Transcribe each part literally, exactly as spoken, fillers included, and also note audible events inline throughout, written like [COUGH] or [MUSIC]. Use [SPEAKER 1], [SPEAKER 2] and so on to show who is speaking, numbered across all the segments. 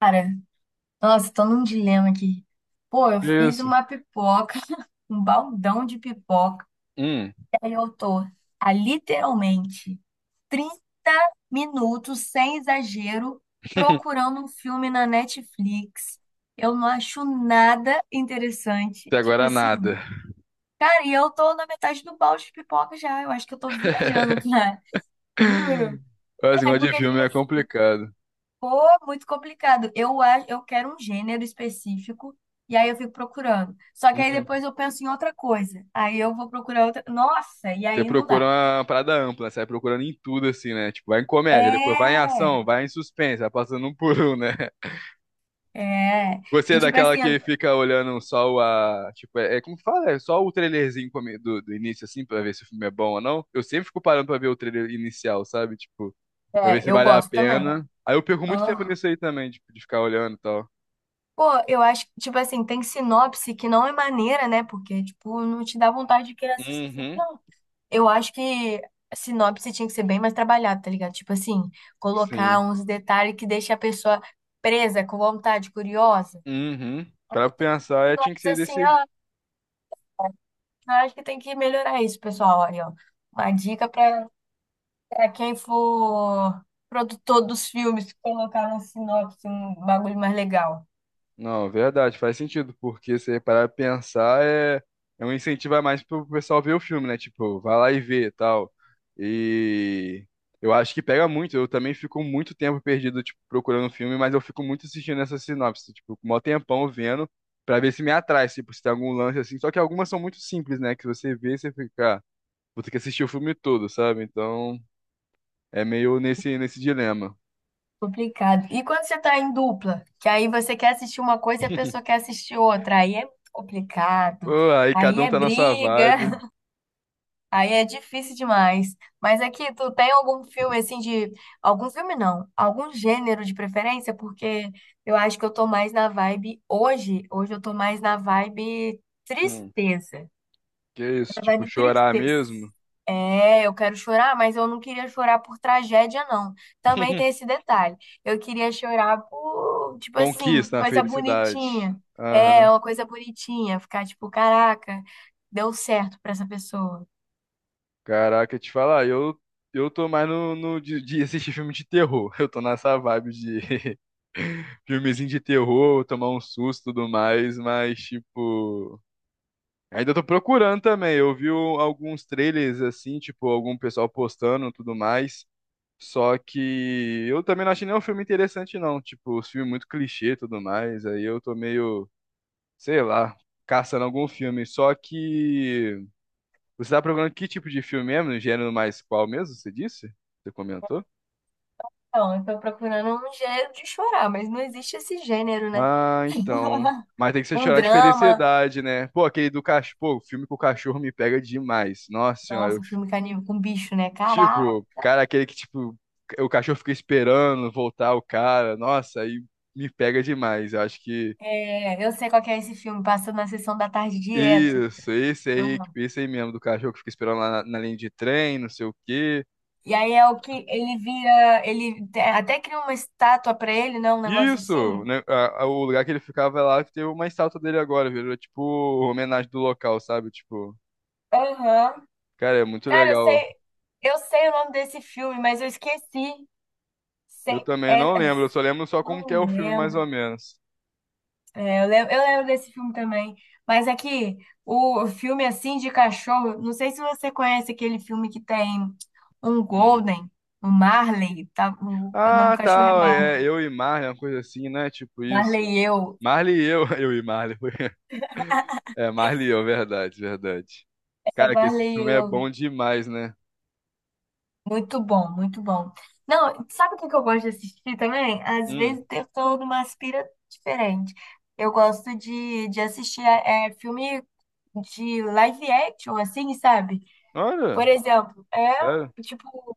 [SPEAKER 1] Cara, nossa, tô num dilema aqui. Pô, eu fiz
[SPEAKER 2] Isso.
[SPEAKER 1] uma pipoca, [LAUGHS] um baldão de pipoca,
[SPEAKER 2] Hum.
[SPEAKER 1] e aí eu tô há literalmente trinta minutos, sem exagero,
[SPEAKER 2] [LAUGHS]
[SPEAKER 1] procurando um filme na Netflix. Eu não acho nada interessante.
[SPEAKER 2] Até
[SPEAKER 1] Tipo
[SPEAKER 2] agora
[SPEAKER 1] assim,
[SPEAKER 2] nada.
[SPEAKER 1] cara, e eu tô na metade do balde de pipoca já. Eu acho que eu tô
[SPEAKER 2] [LAUGHS]
[SPEAKER 1] viajando, cara. [LAUGHS] Juro.
[SPEAKER 2] Mas esse
[SPEAKER 1] É
[SPEAKER 2] negócio de
[SPEAKER 1] porque,
[SPEAKER 2] filme
[SPEAKER 1] tipo.
[SPEAKER 2] é complicado.
[SPEAKER 1] Pô, muito complicado. Eu, a- eu quero um gênero específico e aí eu fico procurando. Só que aí
[SPEAKER 2] Uhum.
[SPEAKER 1] depois eu penso em outra coisa. Aí eu vou procurar outra. Nossa, e
[SPEAKER 2] Você
[SPEAKER 1] aí não
[SPEAKER 2] procura
[SPEAKER 1] dá.
[SPEAKER 2] uma parada ampla, né? Você vai procurando em tudo, assim, né? Tipo, vai em comédia, depois vai em
[SPEAKER 1] É,
[SPEAKER 2] ação, vai em suspense, vai passando um por um, né? [LAUGHS]
[SPEAKER 1] é.
[SPEAKER 2] Você
[SPEAKER 1] E
[SPEAKER 2] é
[SPEAKER 1] tipo
[SPEAKER 2] daquela
[SPEAKER 1] assim,
[SPEAKER 2] que fica olhando só o, a. Tipo, é, é como que fala? É só o trailerzinho come- do, do início, assim, pra ver se o filme é bom ou não. Eu sempre fico parando pra ver o trailer inicial, sabe? Tipo, pra ver
[SPEAKER 1] é,
[SPEAKER 2] se
[SPEAKER 1] eu
[SPEAKER 2] vale a
[SPEAKER 1] gosto também.
[SPEAKER 2] pena. Aí eu perco muito tempo
[SPEAKER 1] Ah.
[SPEAKER 2] nisso aí também, tipo, de ficar olhando e tal.
[SPEAKER 1] Pô, eu acho que, tipo assim, tem sinopse que não é maneira, né? Porque, tipo, não te dá vontade de querer assistir.
[SPEAKER 2] Uhum.
[SPEAKER 1] Não. Eu acho que a sinopse tinha que ser bem mais trabalhada, tá ligado? Tipo assim, colocar
[SPEAKER 2] Sim.
[SPEAKER 1] uns detalhes que deixa a pessoa presa, com vontade, curiosa.
[SPEAKER 2] Uhum. Pra pensar, é, tinha que
[SPEAKER 1] Sinopse
[SPEAKER 2] ser
[SPEAKER 1] assim,
[SPEAKER 2] desse.
[SPEAKER 1] ah, eu acho que tem que melhorar isso, pessoal. Aí, ó, uma dica pra pra quem for produtor dos filmes, colocar na sinopse um bagulho mais legal.
[SPEAKER 2] Não, verdade, faz sentido, porque se parar pra pensar, é, é um incentivo a mais pro pessoal ver o filme, né? Tipo, vai lá e vê e tal. E eu acho que pega muito. Eu também fico muito tempo perdido, tipo, procurando filme, mas eu fico muito assistindo essa sinopse, tipo, com o maior tempão vendo, pra ver se me atrai, tipo, se tem algum lance assim. Só que algumas são muito simples, né? Que você vê e você fica, ah, vou ter que assistir o filme todo, sabe? Então, é meio nesse, nesse dilema.
[SPEAKER 1] Complicado. E quando você tá em dupla, que aí você quer assistir uma coisa e a pessoa quer assistir outra, aí é complicado.
[SPEAKER 2] Pô, aí
[SPEAKER 1] Aí
[SPEAKER 2] cada um
[SPEAKER 1] é
[SPEAKER 2] tá na sua
[SPEAKER 1] briga.
[SPEAKER 2] vibe.
[SPEAKER 1] Aí é difícil demais. Mas aqui, tu tem algum filme assim de. Algum filme não, algum gênero de preferência? Porque eu acho que eu tô mais na vibe hoje. Hoje eu tô mais na vibe
[SPEAKER 2] Hum.
[SPEAKER 1] tristeza.
[SPEAKER 2] Que isso,
[SPEAKER 1] Na
[SPEAKER 2] tipo,
[SPEAKER 1] vibe
[SPEAKER 2] chorar
[SPEAKER 1] tristeza.
[SPEAKER 2] mesmo?
[SPEAKER 1] É, eu quero chorar, mas eu não queria chorar por tragédia, não. Também tem
[SPEAKER 2] [LAUGHS]
[SPEAKER 1] esse detalhe. Eu queria chorar por, tipo assim,
[SPEAKER 2] Conquista a
[SPEAKER 1] coisa
[SPEAKER 2] felicidade.
[SPEAKER 1] bonitinha. É,
[SPEAKER 2] Aham.
[SPEAKER 1] uma coisa bonitinha. Ficar tipo, caraca, deu certo pra essa pessoa.
[SPEAKER 2] Caraca, eu te falar, eu, eu tô mais no, no de, de assistir filme de terror. [LAUGHS] Eu tô nessa vibe de [LAUGHS] filmezinho de terror, tomar um susto e tudo mais, mas, tipo. Ainda tô procurando também. Eu vi o- alguns trailers assim, tipo, algum pessoal postando e tudo mais. Só que eu também não achei nenhum filme interessante, não. Tipo, os filmes muito clichê e tudo mais. Aí eu tô meio, sei lá, caçando algum filme. Só que você tá procurando que tipo de filme mesmo? No gênero mais qual mesmo? Você disse? Você comentou?
[SPEAKER 1] Então, eu tô procurando um gênero de chorar, mas não existe esse gênero, né?
[SPEAKER 2] Ah, então.
[SPEAKER 1] [LAUGHS]
[SPEAKER 2] Mas tem que ser
[SPEAKER 1] Um
[SPEAKER 2] chorar de
[SPEAKER 1] drama.
[SPEAKER 2] felicidade, né? Pô, aquele do cachorro. Pô, o filme com o cachorro me pega demais. Nossa senhora. eu-
[SPEAKER 1] Nossa, filme caníbal com bicho, né? Caraca.
[SPEAKER 2] Tipo, cara, aquele que, tipo, o cachorro fica esperando voltar o cara. Nossa, aí me pega demais. Eu acho que.
[SPEAKER 1] É, eu sei qual que é esse filme, passa na sessão da tarde direto.
[SPEAKER 2] Isso, esse aí,
[SPEAKER 1] Uhum.
[SPEAKER 2] esse aí mesmo, do cachorro que fica esperando lá na, na linha de trem, não sei o quê.
[SPEAKER 1] E aí é o que ele vira, ele te- até cria uma estátua pra ele, né? Um negócio
[SPEAKER 2] Isso!
[SPEAKER 1] assim.
[SPEAKER 2] Né, a- a- o lugar que ele ficava é lá que tem uma estátua dele agora, virou tipo homenagem do local, sabe? Tipo,
[SPEAKER 1] Aham.
[SPEAKER 2] cara, é muito
[SPEAKER 1] Cara, eu
[SPEAKER 2] legal.
[SPEAKER 1] sei, eu sei o nome desse filme, mas eu esqueci.
[SPEAKER 2] Eu
[SPEAKER 1] Sei-
[SPEAKER 2] também
[SPEAKER 1] é-
[SPEAKER 2] não
[SPEAKER 1] é-
[SPEAKER 2] lembro, eu só lembro só como que é
[SPEAKER 1] não
[SPEAKER 2] o filme, mais ou
[SPEAKER 1] lembro.
[SPEAKER 2] menos.
[SPEAKER 1] É, eu lembro, eu lembro desse filme também. Mas aqui, o filme assim de cachorro, não sei se você conhece aquele filme que tem um
[SPEAKER 2] Hum.
[SPEAKER 1] Golden, um Marley, tá, o, nome
[SPEAKER 2] Ah,
[SPEAKER 1] do cachorro é
[SPEAKER 2] tá,
[SPEAKER 1] Marley.
[SPEAKER 2] é eu e Marley, uma coisa assim, né? Tipo isso.
[SPEAKER 1] Marley e eu.
[SPEAKER 2] Marley e eu, [LAUGHS] eu e Marley. foi. É, Marley e eu, verdade, verdade.
[SPEAKER 1] É
[SPEAKER 2] Cara, que esse
[SPEAKER 1] Marley e
[SPEAKER 2] filme é
[SPEAKER 1] eu.
[SPEAKER 2] bom demais, né?
[SPEAKER 1] Muito bom, muito bom. Não, sabe o que que eu gosto de assistir também? Às
[SPEAKER 2] Hum.
[SPEAKER 1] vezes tentando uma aspira diferente. Eu gosto de, de assistir é, é filme de live action, assim, sabe? Por
[SPEAKER 2] Olha.
[SPEAKER 1] exemplo, é.
[SPEAKER 2] Sério?
[SPEAKER 1] Tipo,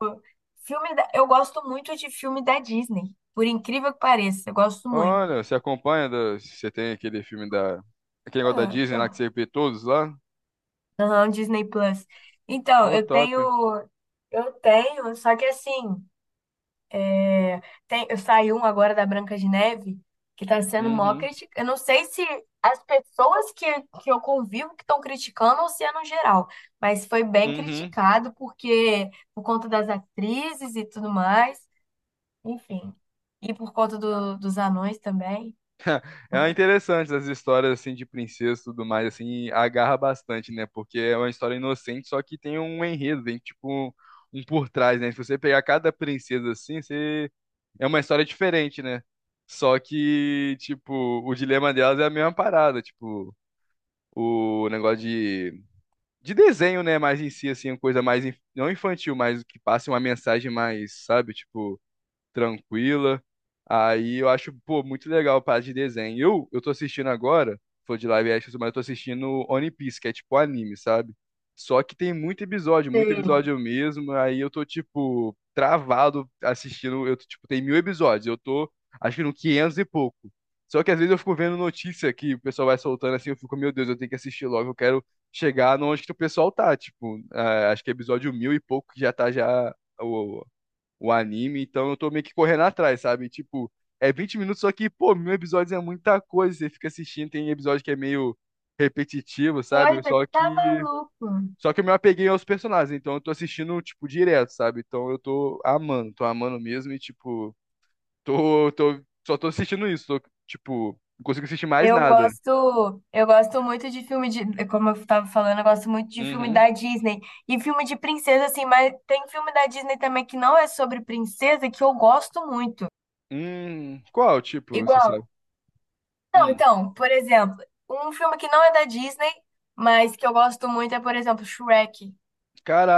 [SPEAKER 1] filme da- Eu gosto muito de filme da Disney, por incrível que pareça, eu gosto muito.
[SPEAKER 2] Olha, você acompanha, da- você tem aquele filme da... Aquele negócio da
[SPEAKER 1] Ah,
[SPEAKER 2] Disney lá que
[SPEAKER 1] eu-
[SPEAKER 2] você vê todos lá?
[SPEAKER 1] Aham, Disney Plus. Então,
[SPEAKER 2] Pô,
[SPEAKER 1] eu tenho,
[SPEAKER 2] top.
[SPEAKER 1] eu tenho, só que assim, tem, eu saí um agora da Branca de Neve, que tá sendo mó
[SPEAKER 2] Uhum,
[SPEAKER 1] criticado. Eu não sei se as pessoas que, que eu convivo que estão criticando ou se é no geral, mas foi bem
[SPEAKER 2] uhum.
[SPEAKER 1] criticado porque por conta das atrizes e tudo mais, enfim, e por conta do- dos anões também.
[SPEAKER 2] É interessante as histórias, assim, de princesa e tudo mais, assim, agarra bastante, né? Porque é uma história inocente, só que tem um enredo, tem, tipo, um um por trás, né? Se você pegar cada princesa, assim, você... É uma história diferente, né? Só que, tipo, o dilema delas é a mesma parada, tipo... O negócio de de desenho, né? Mais em si, assim, uma coisa mais, inf- não infantil, mas que passe uma mensagem mais, sabe? Tipo tranquila. Aí eu acho, pô, muito legal a parte de desenho. Eu, eu tô assistindo agora, foi de live action, mas eu tô assistindo One Piece, que é tipo anime, sabe? Só que tem muito episódio, muito
[SPEAKER 1] Sei.
[SPEAKER 2] episódio mesmo. Aí eu tô, tipo, travado assistindo. Eu, tô, tipo, tem mil episódios. Eu tô, acho que no quinhentos e pouco. Só que às vezes eu fico vendo notícia que o pessoal vai soltando assim. Eu fico, meu Deus, eu tenho que assistir logo. Eu quero chegar no onde que o pessoal tá. Tipo, ah, acho que é episódio mil e pouco que já tá já o anime, então eu tô meio que correndo atrás, sabe? Tipo, é vinte minutos, só que, pô, mil episódios é muita coisa, você fica assistindo, tem episódio que é meio repetitivo, sabe?
[SPEAKER 1] Coisa que
[SPEAKER 2] Só
[SPEAKER 1] tá
[SPEAKER 2] que.
[SPEAKER 1] maluco.
[SPEAKER 2] Só que eu me apeguei aos personagens, então eu tô assistindo, tipo, direto, sabe? Então eu tô amando, tô amando mesmo e, tipo, tô, tô, só tô assistindo isso, tô, tipo, não consigo assistir mais
[SPEAKER 1] Eu
[SPEAKER 2] nada.
[SPEAKER 1] gosto, eu gosto muito de filme de, como eu tava falando, eu gosto muito de filme
[SPEAKER 2] Uhum.
[SPEAKER 1] da Disney e filme de princesa assim, mas tem filme da Disney também que não é sobre princesa que eu gosto muito.
[SPEAKER 2] Hum, qual, tipo, você
[SPEAKER 1] Igual.
[SPEAKER 2] sabe?
[SPEAKER 1] Não,
[SPEAKER 2] Hum.
[SPEAKER 1] então, por exemplo, um filme que não é da Disney, mas que eu gosto muito é, por exemplo, Shrek,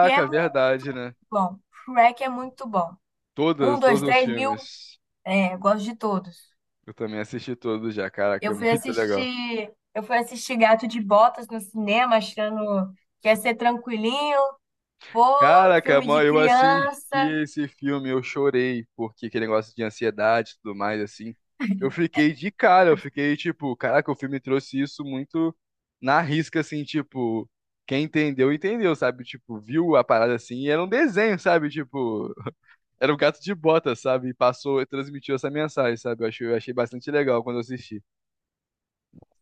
[SPEAKER 1] que é muito
[SPEAKER 2] verdade, né?
[SPEAKER 1] bom. Shrek é muito bom. Um,
[SPEAKER 2] Todas,
[SPEAKER 1] dois,
[SPEAKER 2] todos os
[SPEAKER 1] três, mil,
[SPEAKER 2] filmes.
[SPEAKER 1] é, gosto de todos.
[SPEAKER 2] Eu também assisti tudo já, caraca,
[SPEAKER 1] Eu
[SPEAKER 2] é
[SPEAKER 1] fui
[SPEAKER 2] muito legal.
[SPEAKER 1] assistir, eu fui assistir Gato de Botas no cinema, achando que ia ser tranquilinho, pô,
[SPEAKER 2] Caraca,
[SPEAKER 1] filme de
[SPEAKER 2] mano, eu assisti
[SPEAKER 1] criança,
[SPEAKER 2] esse filme, eu chorei, porque aquele negócio de ansiedade e tudo mais, assim. Eu fiquei de cara, eu fiquei tipo, caraca, o filme trouxe isso muito na risca, assim, tipo, quem entendeu, entendeu, sabe? Tipo, viu a parada assim, e era um desenho, sabe? Tipo, era um gato de bota, sabe? E passou, transmitiu essa mensagem, sabe? Eu achei, eu achei bastante legal quando eu assisti.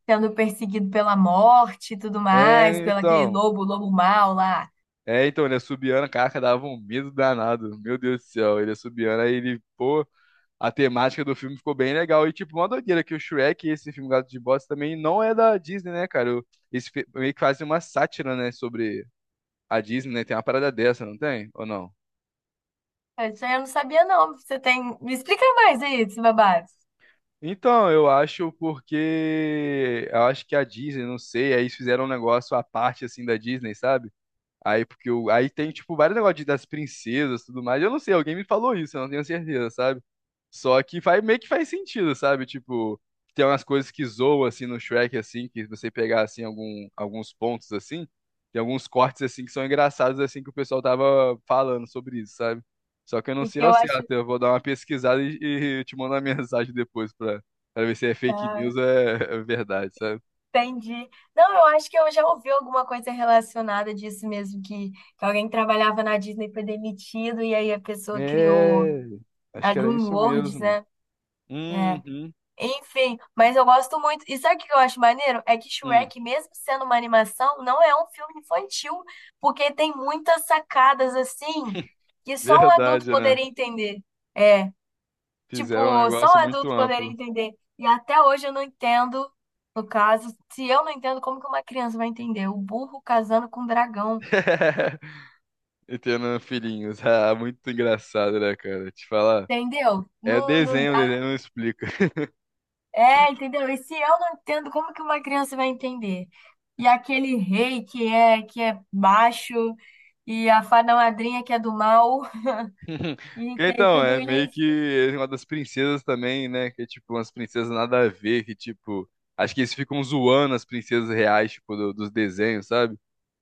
[SPEAKER 1] sendo perseguido pela morte e tudo mais,
[SPEAKER 2] É,
[SPEAKER 1] pelo aquele
[SPEAKER 2] então.
[SPEAKER 1] lobo, lobo mau lá.
[SPEAKER 2] É, então, ele assobiando, caraca, dava um medo danado. Meu Deus do céu, ele assobiando, aí ele, pô, a temática do filme ficou bem legal. E, tipo, uma doideira que o Shrek, esse filme Gato de Botas, também não é da Disney, né, cara? O- Esse fi- meio que faz uma sátira, né, sobre a Disney, né? Tem uma parada dessa, não tem? Ou não?
[SPEAKER 1] Isso aí eu não sabia, não. Você tem. Me explica mais aí desse babado.
[SPEAKER 2] Então, eu acho porque. Eu acho que a Disney, não sei, aí eles fizeram um negócio à parte, assim, da Disney, sabe? Aí, porque o... aí tem, tipo, vários negócios de- das princesas e tudo mais. Eu não sei, alguém me falou isso, eu não tenho certeza, sabe? Só que faz, meio que faz sentido, sabe? Tipo, tem umas coisas que zoam assim no Shrek, assim, que você pegar assim algum, alguns pontos assim, tem alguns cortes assim que são engraçados assim que o pessoal tava falando sobre isso, sabe? Só que eu não
[SPEAKER 1] E
[SPEAKER 2] sei
[SPEAKER 1] que
[SPEAKER 2] ao
[SPEAKER 1] eu acho.
[SPEAKER 2] certo, eu vou dar uma pesquisada e, e te mandar uma [LAUGHS] mensagem depois pra, pra ver se é fake
[SPEAKER 1] Tá,
[SPEAKER 2] news ou é, é verdade, sabe?
[SPEAKER 1] entendi. Não, eu acho que eu já ouvi alguma coisa relacionada disso mesmo, que, que alguém trabalhava na Disney foi demitido, e aí a pessoa criou
[SPEAKER 2] É, acho
[SPEAKER 1] a
[SPEAKER 2] que era isso
[SPEAKER 1] DreamWorks,
[SPEAKER 2] mesmo.
[SPEAKER 1] né? É,
[SPEAKER 2] Uhum,
[SPEAKER 1] enfim, mas eu gosto muito. E sabe o que eu acho maneiro? É que
[SPEAKER 2] hum.
[SPEAKER 1] Shrek, mesmo sendo uma animação, não é um filme infantil, porque tem muitas sacadas assim
[SPEAKER 2] [LAUGHS]
[SPEAKER 1] que só um adulto
[SPEAKER 2] Verdade, né?
[SPEAKER 1] poderia entender. É,
[SPEAKER 2] Fizeram um
[SPEAKER 1] tipo, só
[SPEAKER 2] negócio
[SPEAKER 1] um
[SPEAKER 2] muito
[SPEAKER 1] adulto poderia
[SPEAKER 2] amplo.
[SPEAKER 1] entender. E até hoje eu não entendo, no caso, se eu não entendo, como que uma criança vai entender? O burro casando com o dragão,
[SPEAKER 2] [LAUGHS] E tendo filhinhos. [LAUGHS] Ah, muito engraçado, né, cara? Te falar.
[SPEAKER 1] entendeu?
[SPEAKER 2] É
[SPEAKER 1] Não, não.
[SPEAKER 2] desenho, desenho não explica.
[SPEAKER 1] É, entendeu? E se eu não entendo, como que uma criança vai entender? E aquele rei que é que é baixo e a fada madrinha que é do mal
[SPEAKER 2] [LAUGHS]
[SPEAKER 1] e
[SPEAKER 2] Que
[SPEAKER 1] tem
[SPEAKER 2] Então,
[SPEAKER 1] tudo
[SPEAKER 2] é meio
[SPEAKER 1] isso.
[SPEAKER 2] que uma das princesas também, né? Que é tipo umas princesas nada a ver, que tipo. Acho que eles ficam zoando as princesas reais, tipo, do- dos desenhos, sabe?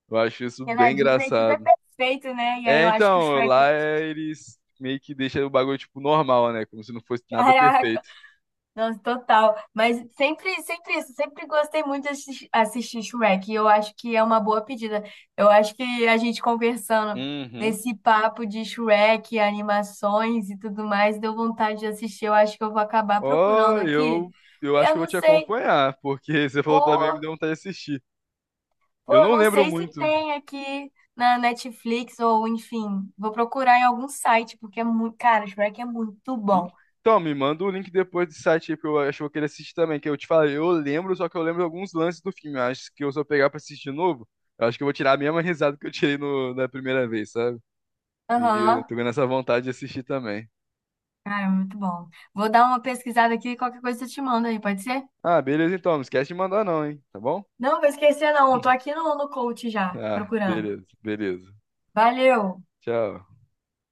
[SPEAKER 2] Eu acho isso
[SPEAKER 1] Porque na
[SPEAKER 2] bem
[SPEAKER 1] Disney tudo é
[SPEAKER 2] engraçado.
[SPEAKER 1] perfeito, né? E aí eu
[SPEAKER 2] É,
[SPEAKER 1] acho que o
[SPEAKER 2] então,
[SPEAKER 1] Shrek,
[SPEAKER 2] lá
[SPEAKER 1] [LAUGHS]
[SPEAKER 2] é, eles meio que deixam o bagulho, tipo, normal, né? Como se não fosse nada
[SPEAKER 1] caraca,
[SPEAKER 2] perfeito.
[SPEAKER 1] nossa, total. Mas sempre, sempre isso, sempre gostei muito de assis- assistir Shrek. E eu acho que é uma boa pedida. Eu acho que a gente conversando
[SPEAKER 2] Uhum.
[SPEAKER 1] nesse papo de Shrek, animações e tudo mais, deu vontade de assistir. Eu acho que eu vou acabar procurando
[SPEAKER 2] Ó,
[SPEAKER 1] aqui.
[SPEAKER 2] eu, eu acho
[SPEAKER 1] Eu
[SPEAKER 2] que eu vou
[SPEAKER 1] não
[SPEAKER 2] te
[SPEAKER 1] sei,
[SPEAKER 2] acompanhar, porque [LAUGHS] você falou também, me
[SPEAKER 1] ou,
[SPEAKER 2] deu vontade de assistir.
[SPEAKER 1] pô,
[SPEAKER 2] Eu
[SPEAKER 1] eu
[SPEAKER 2] não
[SPEAKER 1] não
[SPEAKER 2] lembro
[SPEAKER 1] sei se
[SPEAKER 2] muito.
[SPEAKER 1] tem aqui na Netflix ou enfim, vou procurar em algum site, porque é muito, cara, Shrek é muito bom.
[SPEAKER 2] Então, me manda o link depois do site aí, porque eu acho que eu vou querer assistir também. Que eu te falei, eu lembro, só que eu lembro alguns lances do filme. Eu Acho que eu, se eu pegar pra assistir de novo, eu acho que eu vou tirar a mesma risada que eu tirei no, da primeira vez, sabe? E eu
[SPEAKER 1] Aham.
[SPEAKER 2] tô ganhando essa vontade de assistir também.
[SPEAKER 1] Cara, muito bom. Vou dar uma pesquisada aqui, e qualquer coisa eu te mando aí, pode ser?
[SPEAKER 2] Ah, beleza então, não esquece de mandar não, hein? Tá bom?
[SPEAKER 1] Não, vou esquecer não, tô aqui no, no coach já,
[SPEAKER 2] Ah,
[SPEAKER 1] procurando.
[SPEAKER 2] beleza, beleza.
[SPEAKER 1] Valeu!
[SPEAKER 2] Tchau.